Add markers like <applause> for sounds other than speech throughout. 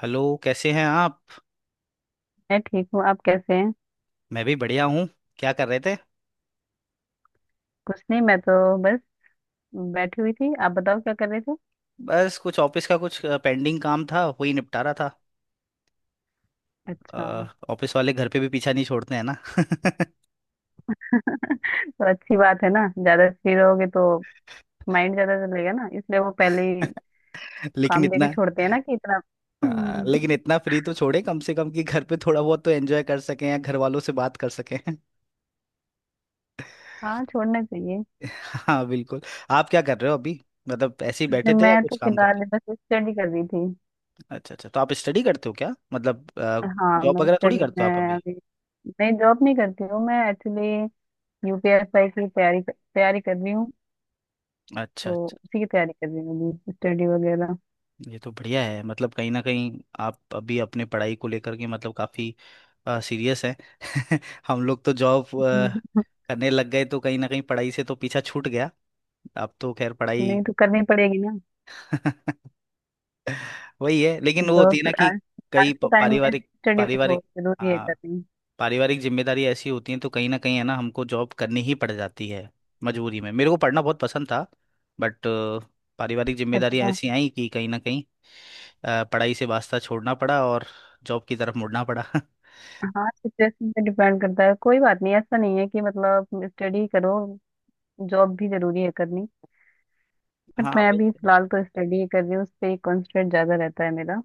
Hello, कैसे हैं आप। मैं ठीक हूँ। आप कैसे हैं? मैं भी बढ़िया हूँ। क्या कर रहे थे? कुछ नहीं, मैं तो बस बैठी हुई थी। आप बताओ क्या कर रहे थे? बस कुछ ऑफिस का कुछ पेंडिंग काम था, वही निपटा रहा था। अच्छा, ऑफिस वाले घर पे भी पीछा नहीं छोड़ते हैं ना। तो अच्छी बात है ना, ज्यादा फ्री रहोगे तो माइंड ज्यादा चलेगा ना, इसलिए वो पहले ही <laughs> लेकिन काम देके इतना। छोड़ते हैं ना कि इतना। हाँ, <clears throat> लेकिन इतना फ्री तो छोड़े कम से कम कि घर पे थोड़ा बहुत तो एंजॉय कर सकें या घर वालों से बात कर सकें। <laughs> <laughs> हाँ, छोड़ना चाहिए। हाँ बिल्कुल। आप क्या कर रहे हो अभी? मतलब ऐसे ही नहीं, बैठे थे या मैं कुछ तो काम कर फिलहाल रहे? बस स्टडी कर रही थी। थे। अच्छा अच्छा, तो आप स्टडी करते हो क्या मतलब? हाँ, जॉब मैं वगैरह थोड़ी स्टडी करते हो आप में अभी? अभी। नहीं, जॉब नहीं करती हूँ मैं एक्चुअली। यूपीएसआई की तैयारी तैयारी कर रही हूँ। अच्छा अच्छा, तो उसी की तैयारी कर रही हूँ अभी, स्टडी वगैरह। ये तो बढ़िया है। मतलब कहीं ना कहीं आप अभी अपने पढ़ाई को लेकर के मतलब काफी सीरियस हैं। <laughs> हम लोग तो जॉब <laughs> करने लग गए तो कहीं ना कहीं पढ़ाई से तो पीछा छूट गया। आप तो खैर पढ़ाई। नहीं तो करनी पड़ेगी। <laughs> वही है, लेकिन वो होती है जॉब ना कि आज। आज कई के टाइम में पारिवारिक स्टडी पारिवारिक। बहुत जरूरी है हाँ, करनी। पारिवारिक जिम्मेदारी ऐसी होती हैं तो कहीं ना कहीं है ना, हमको जॉब करनी ही पड़ जाती है मजबूरी में। मेरे को पढ़ना बहुत पसंद था, बट पारिवारिक जिम्मेदारियां अच्छा। ऐसी आई कि कहीं ना कहीं पढ़ाई से वास्ता छोड़ना पड़ा और जॉब की तरफ मुड़ना पड़ा। <laughs> हाँ, सिचुएशन पे डिपेंड करता है, कोई बात नहीं। ऐसा नहीं है कि मतलब स्टडी करो, जॉब भी जरूरी है करनी। हाँ बट मैं भाई। अभी फिलहाल तो स्टडी ही कर रही हूँ, उस पर कॉन्सेंट्रेट ज्यादा रहता है मेरा।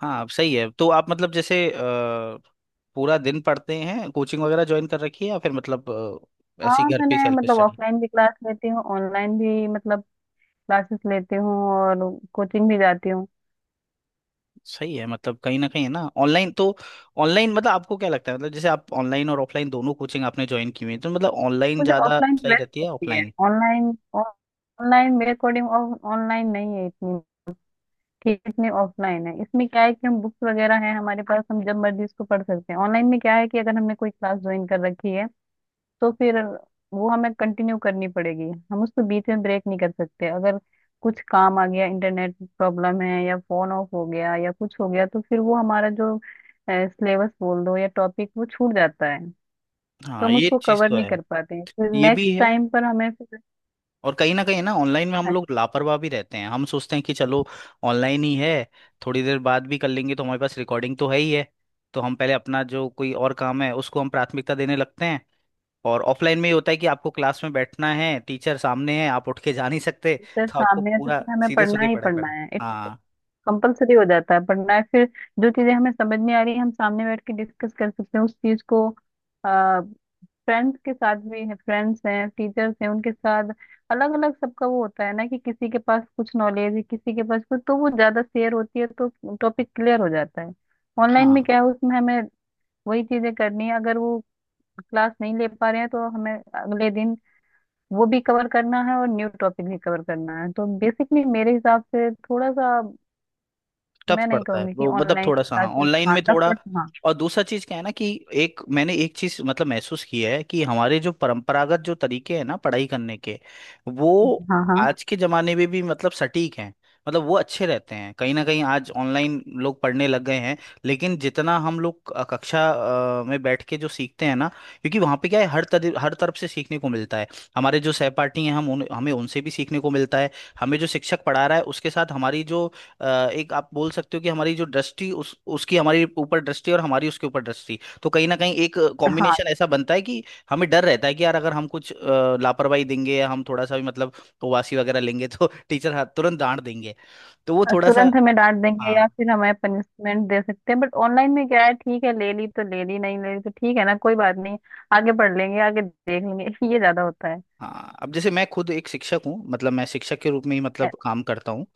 हाँ अब सही है, तो आप मतलब जैसे पूरा दिन पढ़ते हैं, कोचिंग वगैरह ज्वाइन कर रखी है या फिर मतलब ऐसे हाँ, ही घर पे मैंने सेल्फ मतलब स्टडी? ऑफलाइन भी क्लास लेती हूँ, ऑनलाइन भी मतलब क्लासेस लेती हूँ, और कोचिंग भी जाती हूँ। सही है। मतलब कहीं ना कहीं है ना, ऑनलाइन तो ऑनलाइन मतलब आपको क्या लगता है? मतलब जैसे आप ऑनलाइन और ऑफलाइन दोनों कोचिंग आपने ज्वाइन की हुई है, तो मतलब ऑनलाइन मुझे ज़्यादा ऑफलाइन सही बेस्ट रहती है लगती है। ऑफलाइन? ऑनलाइन ऑनलाइन मेरे अकॉर्डिंग ऑनलाइन नहीं है इतनी, कितने ऑफलाइन है। इसमें क्या है कि हम बुक्स वगैरह हैं हमारे पास, हम जब मर्जी इसको पढ़ सकते हैं। ऑनलाइन में क्या है कि अगर हमने कोई क्लास ज्वाइन कर रखी है तो फिर वो हमें कंटिन्यू करनी पड़ेगी। हम उसको बीच में ब्रेक नहीं कर सकते। अगर कुछ काम आ गया, इंटरनेट प्रॉब्लम है या फोन ऑफ हो गया या कुछ हो गया, तो फिर वो हमारा जो सिलेबस बोल दो या टॉपिक, वो छूट जाता है। तो हाँ हम ये उसको चीज़ कवर तो नहीं है। कर पाते हैं फिर, ये नेक्स्ट भी है। टाइम पर हमें फिर। और कहीं ना कहीं ना, ऑनलाइन में हम हाँ, लोग लापरवाह भी रहते हैं। हम सोचते हैं कि चलो ऑनलाइन ही है, थोड़ी देर बाद भी कर लेंगे, तो हमारे पास रिकॉर्डिंग तो है ही है। तो हम पहले अपना जो कोई और काम है उसको हम प्राथमिकता देने लगते हैं। और ऑफलाइन में ये होता है कि आपको क्लास में बैठना है, टीचर सामने है, आप उठ के जा नहीं सकते, teacher तो आपको सामने है तो पूरा फिर हमें सीरियस पढ़ना होकर ही पढ़ाई पढ़ना करना। है, हाँ। कंपलसरी हो जाता है पढ़ना है फिर। जो चीजें हमें समझ नहीं आ रही, हम सामने बैठ के डिस्कस कर सकते हैं उस चीज को। आ, फ्रेंड्स के साथ भी है, फ्रेंड्स हैं टीचर्स हैं उनके साथ। अलग अलग सबका वो होता है ना, कि किसी के पास कुछ नॉलेज है, किसी के पास कुछ, तो वो ज्यादा शेयर होती है तो टॉपिक क्लियर हो जाता है। ऑनलाइन में हाँ क्या है, उसमें हमें वही चीजें करनी है। अगर वो क्लास नहीं ले पा रहे हैं तो हमें अगले दिन वो भी कवर करना है और न्यू टॉपिक भी कवर करना है, तो बेसिकली मेरे हिसाब से थोड़ा सा। टफ मैं नहीं पड़ता है कहूंगी कि वो मतलब, ऑनलाइन थोड़ा सा। हाँ, क्लासेस, ऑनलाइन हाँ में टफ, थोड़ा। बट हाँ, और दूसरा चीज क्या है ना कि एक मैंने एक चीज मतलब महसूस की है कि हमारे जो परंपरागत जो तरीके हैं ना पढ़ाई करने के, वो हाँ, हाँ, आज के जमाने में भी मतलब सटीक हैं। मतलब वो अच्छे रहते हैं। कहीं ना कहीं आज ऑनलाइन लोग पढ़ने लग गए हैं। लेकिन जितना हम लोग कक्षा में बैठ के जो सीखते हैं ना, क्योंकि वहाँ पे क्या है, हर तरह हर तरफ से सीखने को मिलता है। हमारे जो सहपाठी हैं, हमें उनसे भी सीखने को मिलता है। हमें जो शिक्षक पढ़ा रहा है उसके साथ हमारी जो एक आप बोल सकते हो कि हमारी जो दृष्टि, उस उसकी हमारी ऊपर दृष्टि और हमारी उसके ऊपर दृष्टि, तो कहीं ना कहीं एक हाँ, कॉम्बिनेशन ऐसा बनता है कि हमें डर रहता है कि यार अगर हम कुछ लापरवाही देंगे या हम थोड़ा सा भी मतलब उपवासी वगैरह लेंगे तो <laughs> टीचर हाथ तुरंत डांट देंगे। तो वो हाँ, थोड़ा सा। तुरंत हमें डांट देंगे या हाँ। फिर हमें पनिशमेंट दे सकते हैं। बट ऑनलाइन में क्या है, ठीक है ले ली तो ले ली, नहीं ले ली तो ठीक है ना, कोई बात नहीं। आगे पढ़ लेंगे, आगे देख लेंगे। <laughs> ये ज्यादा होता है। हाँ अब जैसे मैं खुद एक शिक्षक हूँ, मतलब मैं शिक्षक के रूप में ही अ- मतलब काम करता हूँ।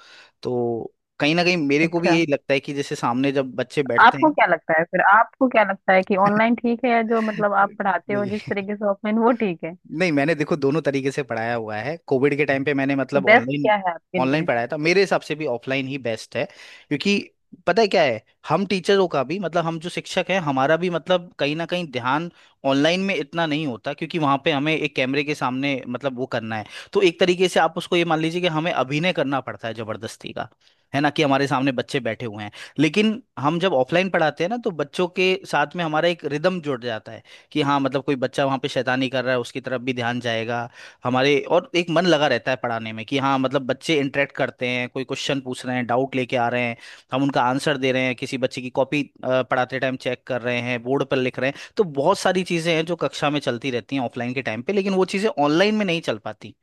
तो कहीं ना कहीं मेरे को भी अच्छा। यही लगता है कि जैसे सामने जब बच्चे बैठते हैं। आपको क्या लगता है कि ऑनलाइन <laughs> ठीक है या जो मतलब आप पढ़ाते हो जिस नहीं तरीके से ऑफलाइन वो ठीक है? नहीं, मैंने देखो दोनों तरीके से पढ़ाया हुआ है। कोविड के टाइम पे मैंने तो मतलब बेस्ट ऑनलाइन क्या है आपके ऑनलाइन लिए? पढ़ाया था। मेरे हिसाब से भी ऑफलाइन ही बेस्ट है। क्योंकि पता है क्या है, हम टीचरों का भी मतलब हम जो शिक्षक हैं हमारा भी मतलब कहीं ना कहीं ध्यान ऑनलाइन में इतना नहीं होता। क्योंकि वहां पे हमें एक कैमरे के सामने मतलब वो करना है। तो एक तरीके से आप उसको ये मान लीजिए कि हमें अभिनय करना पड़ता है जबरदस्ती का, है ना, कि हमारे सामने बच्चे बैठे हुए हैं। लेकिन हम जब ऑफलाइन पढ़ाते हैं ना, तो बच्चों के साथ में हमारा एक रिदम जुड़ जाता है कि हाँ, मतलब कोई बच्चा वहाँ पे शैतानी कर रहा है उसकी तरफ भी ध्यान जाएगा हमारे। और एक मन लगा रहता है पढ़ाने में कि हाँ, मतलब बच्चे इंटरेक्ट करते हैं, कोई क्वेश्चन पूछ रहे हैं, डाउट लेके आ रहे हैं, हम उनका आंसर दे रहे हैं, किसी बच्चे की कॉपी पढ़ाते टाइम चेक कर रहे हैं, बोर्ड पर लिख रहे हैं। तो बहुत सारी चीज़ें हैं जो कक्षा में चलती रहती हैं ऑफलाइन के टाइम पे, लेकिन वो चीज़ें ऑनलाइन में नहीं चल पाती।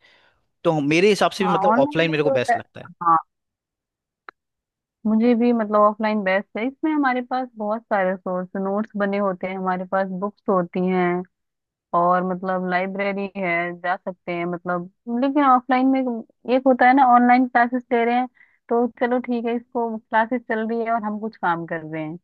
तो मेरे हिसाब से भी हाँ, मतलब ऑनलाइन ऑफलाइन में मेरे को जो होता बेस्ट है। लगता है। हाँ, मुझे भी मतलब ऑफलाइन बेस्ट है। इसमें हमारे पास बहुत सारे सोर्स, नोट्स बने होते हैं, हमारे पास बुक्स होती हैं, और मतलब लाइब्रेरी है, जा सकते हैं मतलब। लेकिन ऑफलाइन में एक होता है ना, ऑनलाइन क्लासेस ले रहे हैं तो चलो ठीक है इसको, क्लासेस चल रही है और हम कुछ काम कर रहे हैं,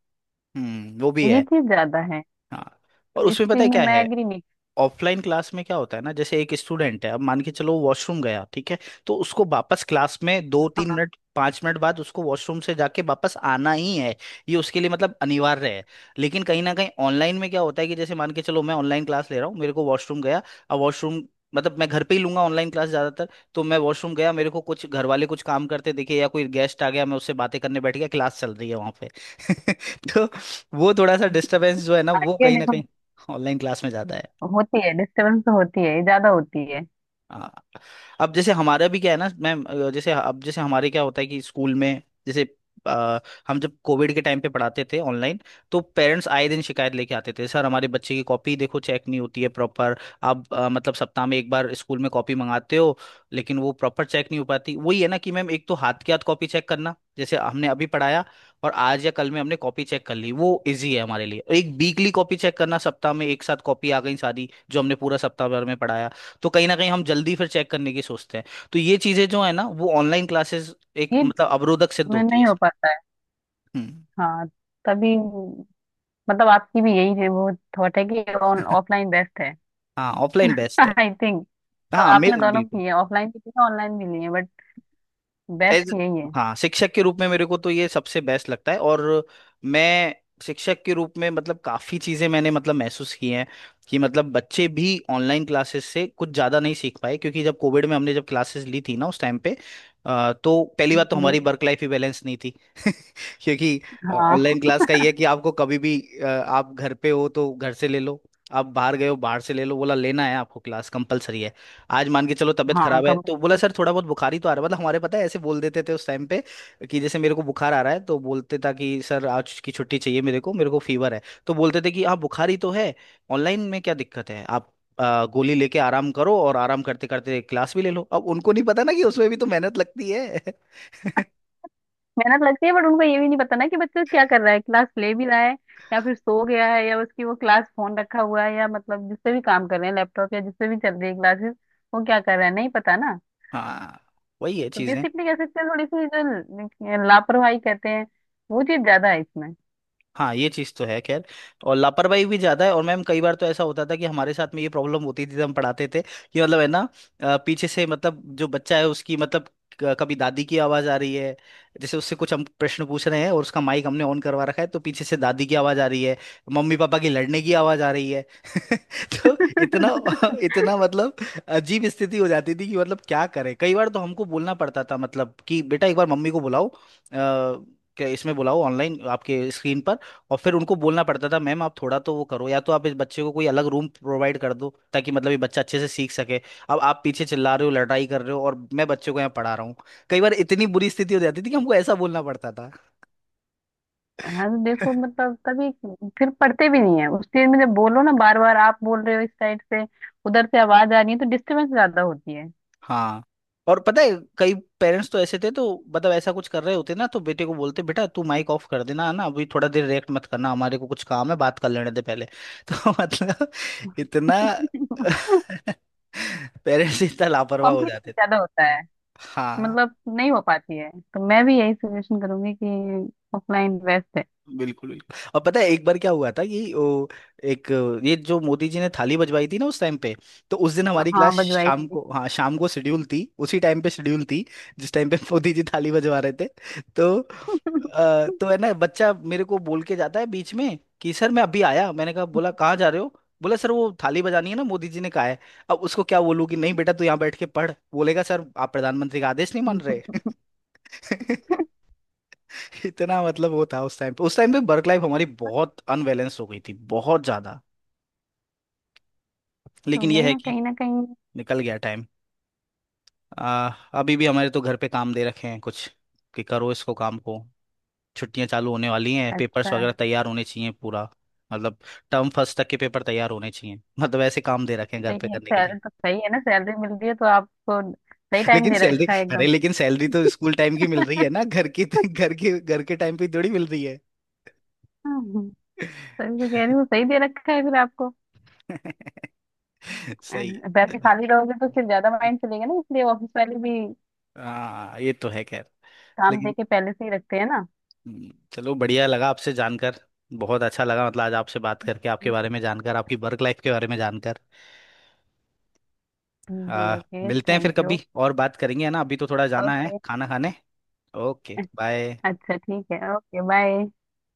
हम्म, वो भी ये है। चीज ज्यादा है। हाँ। और तो इस उसमें पता चीज है में क्या मैं है, एग्री नहीं। ऑफलाइन क्लास में क्या होता है ना, जैसे एक स्टूडेंट है, अब मान के चलो वॉशरूम गया, ठीक है, तो उसको वापस क्लास में दो तीन हाँ, मिनट पांच मिनट बाद उसको वॉशरूम से जाके वापस आना ही है। ये उसके लिए मतलब अनिवार्य है। लेकिन कहीं ना कहीं ऑनलाइन में क्या होता है कि जैसे मान के चलो मैं ऑनलाइन क्लास ले रहा हूँ, मेरे को वॉशरूम गया, अब वॉशरूम मतलब मैं घर पे ही लूंगा ऑनलाइन क्लास ज्यादातर, तो मैं वॉशरूम गया, मेरे को कुछ घर वाले कुछ काम करते दिखे या कोई गेस्ट आ गया, मैं उससे बातें करने बैठ गया। क्लास चल रही है वहां पे। <laughs> तो वो थोड़ा सा डिस्टरबेंस जो है ना, वो ये कहीं ना देखो कहीं ऑनलाइन क्लास में ज्यादा है। होती है, डिस्टर्बेंस तो होती है, ये ज्यादा होती है। हाँ। अब जैसे हमारा भी क्या है ना मैम, जैसे अब जैसे हमारे क्या होता है कि स्कूल में जैसे अ, हम जब कोविड के टाइम पे पढ़ाते थे ऑनलाइन। तो पेरेंट्स आए दिन शिकायत लेके आते थे, सर हमारे बच्चे की कॉपी देखो, चेक नहीं होती है प्रॉपर। आप मतलब सप्ताह में एक बार स्कूल में कॉपी मंगाते हो लेकिन वो प्रॉपर चेक नहीं हो पाती। वही है ना कि मैम, एक तो हाथ के हाथ कॉपी चेक करना, जैसे हमने अभी पढ़ाया और आज या कल में हमने कॉपी चेक कर ली, वो इजी है हमारे लिए। एक वीकली कॉपी चेक करना सप्ताह में, एक साथ कॉपी आ गई सारी जो हमने पूरा सप्ताह भर में पढ़ाया। तो कहीं ना कहीं हम जल्दी फिर चेक करने की सोचते हैं। तो ये चीजें जो है ना, वो ऑनलाइन क्लासेस एक ये मतलब अवरोधक सिद्ध मैं, होती है नहीं हो इसमें। पाता है। हम्म। हाँ, तभी मतलब आपकी भी यही है वो थॉट है कि ऑन ऑफलाइन बेस्ट है। हाँ, ऑफलाइन <laughs> बेस्ट है। आई थिंक, मतलब हाँ आपने मेरे दोनों बिल्कुल की है, ऑफलाइन भी लिए, ऑनलाइन भी लिए, बट एज। बेस्ट यही है। हाँ शिक्षक के रूप में मेरे को तो ये सबसे बेस्ट लगता है, और मैं शिक्षक के रूप में मतलब काफी चीजें मैंने मतलब महसूस की हैं कि मतलब बच्चे भी ऑनलाइन क्लासेस से कुछ ज्यादा नहीं सीख पाए। क्योंकि जब कोविड में हमने जब क्लासेस ली थी ना उस टाइम पे, तो पहली बात तो जी। हमारी वर्क लाइफ ही बैलेंस नहीं थी। क्योंकि हाँ, ऑनलाइन क्लास का ये है कि आपको कभी भी आप घर पे हो तो घर से ले लो, आप बाहर गए हो बाहर से ले लो, बोला लेना है आपको क्लास कंपलसरी है। आज मान के चलो तबीयत हाँ, खराब है, कम। तो बोला सर थोड़ा बहुत बुखार ही तो आ रहा है। मतलब हमारे पता है ऐसे बोल देते थे उस टाइम पे कि जैसे मेरे को बुखार आ रहा है तो बोलते था कि सर आज की छुट्टी चाहिए मेरे को, मेरे को फीवर है, तो बोलते थे कि आप बुखार ही तो है, ऑनलाइन में क्या दिक्कत है? आप गोली लेके आराम करो और आराम करते करते क्लास भी ले लो। अब उनको नहीं पता ना कि उसमें भी तो मेहनत लगती है। <laughs> मेहनत लगती है, बट उनको ये भी नहीं पता ना कि बच्चा क्या कर रहा है, क्लास ले भी रहा है, या फिर सो गया है, या उसकी वो क्लास फोन रखा हुआ है, या मतलब जिससे भी काम कर रहे हैं, लैपटॉप या जिससे भी चल रही है क्लासेस, वो क्या कर रहा है नहीं पता ना। हाँ, वही है तो चीजें। बेसिकली कह सकते हैं थोड़ी सी जो लापरवाही कहते हैं, वो चीज ज्यादा है इसमें। हाँ ये चीज़ तो है खैर। और लापरवाही भी ज़्यादा है। और मैम कई बार तो ऐसा होता था कि हमारे साथ में ये प्रॉब्लम होती थी जब हम पढ़ाते थे कि मतलब है ना, पीछे से मतलब जो बच्चा है उसकी मतलब कभी दादी की आवाज़ आ रही है। जैसे उससे कुछ हम प्रश्न पूछ रहे हैं और उसका माइक हमने ऑन करवा रखा है, तो पीछे से दादी की आवाज़ आ रही है, मम्मी पापा की लड़ने की आवाज़ आ रही है। <laughs> तो इतना <laughs> इतना मतलब अजीब स्थिति हो जाती थी कि मतलब क्या करें, कई बार तो हमको बोलना पड़ता था मतलब कि बेटा एक बार मम्मी को बुलाओ, क्या इसमें बुलाओ ऑनलाइन आपके स्क्रीन पर। और फिर उनको बोलना पड़ता था, मैम आप थोड़ा तो वो करो, या तो आप इस बच्चे को कोई अलग रूम प्रोवाइड कर दो ताकि मतलब ये बच्चा अच्छे से सीख सके, अब आप पीछे चिल्ला रहे हो, लड़ाई कर रहे हो, और मैं बच्चे को यहाँ पढ़ा रहा हूँ। कई बार इतनी बुरी स्थिति हो जाती थी कि हमको ऐसा बोलना पड़ता था। हाँ, तो देखो मतलब कभी फिर पढ़ते भी नहीं है उस चीज में, जब बोलो ना बार बार, आप बोल रहे हो इस साइड से, उधर से आवाज आ रही है, तो डिस्टरबेंस ज्यादा होती है। हाँ, और पता है कई पेरेंट्स तो ऐसे थे, तो मतलब ऐसा कुछ कर रहे होते ना, तो बेटे को बोलते बेटा तू माइक ऑफ कर देना है ना, अभी थोड़ा देर रिएक्ट मत करना, हमारे को कुछ काम है, बात कर लेने दे पहले। <laughs> तो मतलब इतना। <laughs> <laughs> पेरेंट्स इतना लापरवाह हो कॉम्प्लिकेशन जाते ज्यादा होता थे। है, हाँ मतलब नहीं हो पाती है, तो मैं भी यही सजेशन करूंगी कि ऑफलाइन बेस्ट है। बिल्कुल बिल्कुल। और पता है एक बार क्या हुआ था कि एक ये जो मोदी जी ने थाली बजवाई थी ना उस टाइम पे। तो उस दिन हमारी हाँ क्लास बजवाई शाम थी। को, हाँ शाम को शेड्यूल थी, उसी टाइम पे शेड्यूल थी जिस टाइम पे <laughs> मोदी जी थाली बजवा रहे थे। तो अ, <laughs> तो है ना, बच्चा मेरे को बोल के जाता है बीच में कि सर मैं अभी आया। मैंने कहा, बोला कहाँ जा रहे हो? बोला सर वो थाली बजानी है ना मोदी जी ने कहा है। अब उसको क्या बोलूं कि नहीं बेटा तू यहाँ बैठ के पढ़, बोलेगा सर आप प्रधानमंत्री का आदेश नहीं मान रहे। <laughs> <laughs> इतना मतलब वो था उस टाइम पे, उस टाइम पे वर्क लाइफ हमारी बहुत अनबैलेंस हो गई थी, बहुत ज्यादा। तो लेकिन ये वही है ना, कि कहीं ना कहीं। निकल गया टाइम। आ, अभी भी हमारे तो घर पे काम दे रखे हैं कुछ, कि करो इसको काम को, छुट्टियां चालू होने वाली हैं, अच्छा, पेपर्स वगैरह तैयार होने चाहिए पूरा। मतलब टर्म फर्स्ट तक के पेपर तैयार होने चाहिए, मतलब ऐसे काम दे रखे हैं घर पे सही है, करने के लिए। सैलरी तो सही है ना, सैलरी मिल रही है तो आपको सही <laughs> टाइम दे रखा है एकदम। लेकिन सैलरी तो स्कूल टाइम की मिल रही है ना, <laughs> घर के टाइम पे थोड़ी मिल रही है। सही से कह रही हूँ, सही दे रखा है फिर आपको। <laughs> सही वैसे है। खाली रहोगे तो फिर ज्यादा माइंड चलेगा ना, इसलिए ऑफिस वाले भी हाँ ये तो है खैर। काम दे लेकिन के पहले से ही रखते हैं ना। चलो बढ़िया लगा आपसे जानकर। बहुत अच्छा लगा मतलब, आज आपसे बात करके, आपके बारे में जानकर, आपकी वर्क लाइफ के बारे में जानकर। जी, आ, ओके, मिलते हैं फिर थैंक यू। कभी और बात करेंगे, है ना, अभी तो थोड़ा जाना है ओके, खाना खाने। Okay bye. अच्छा ठीक है, ओके बाय।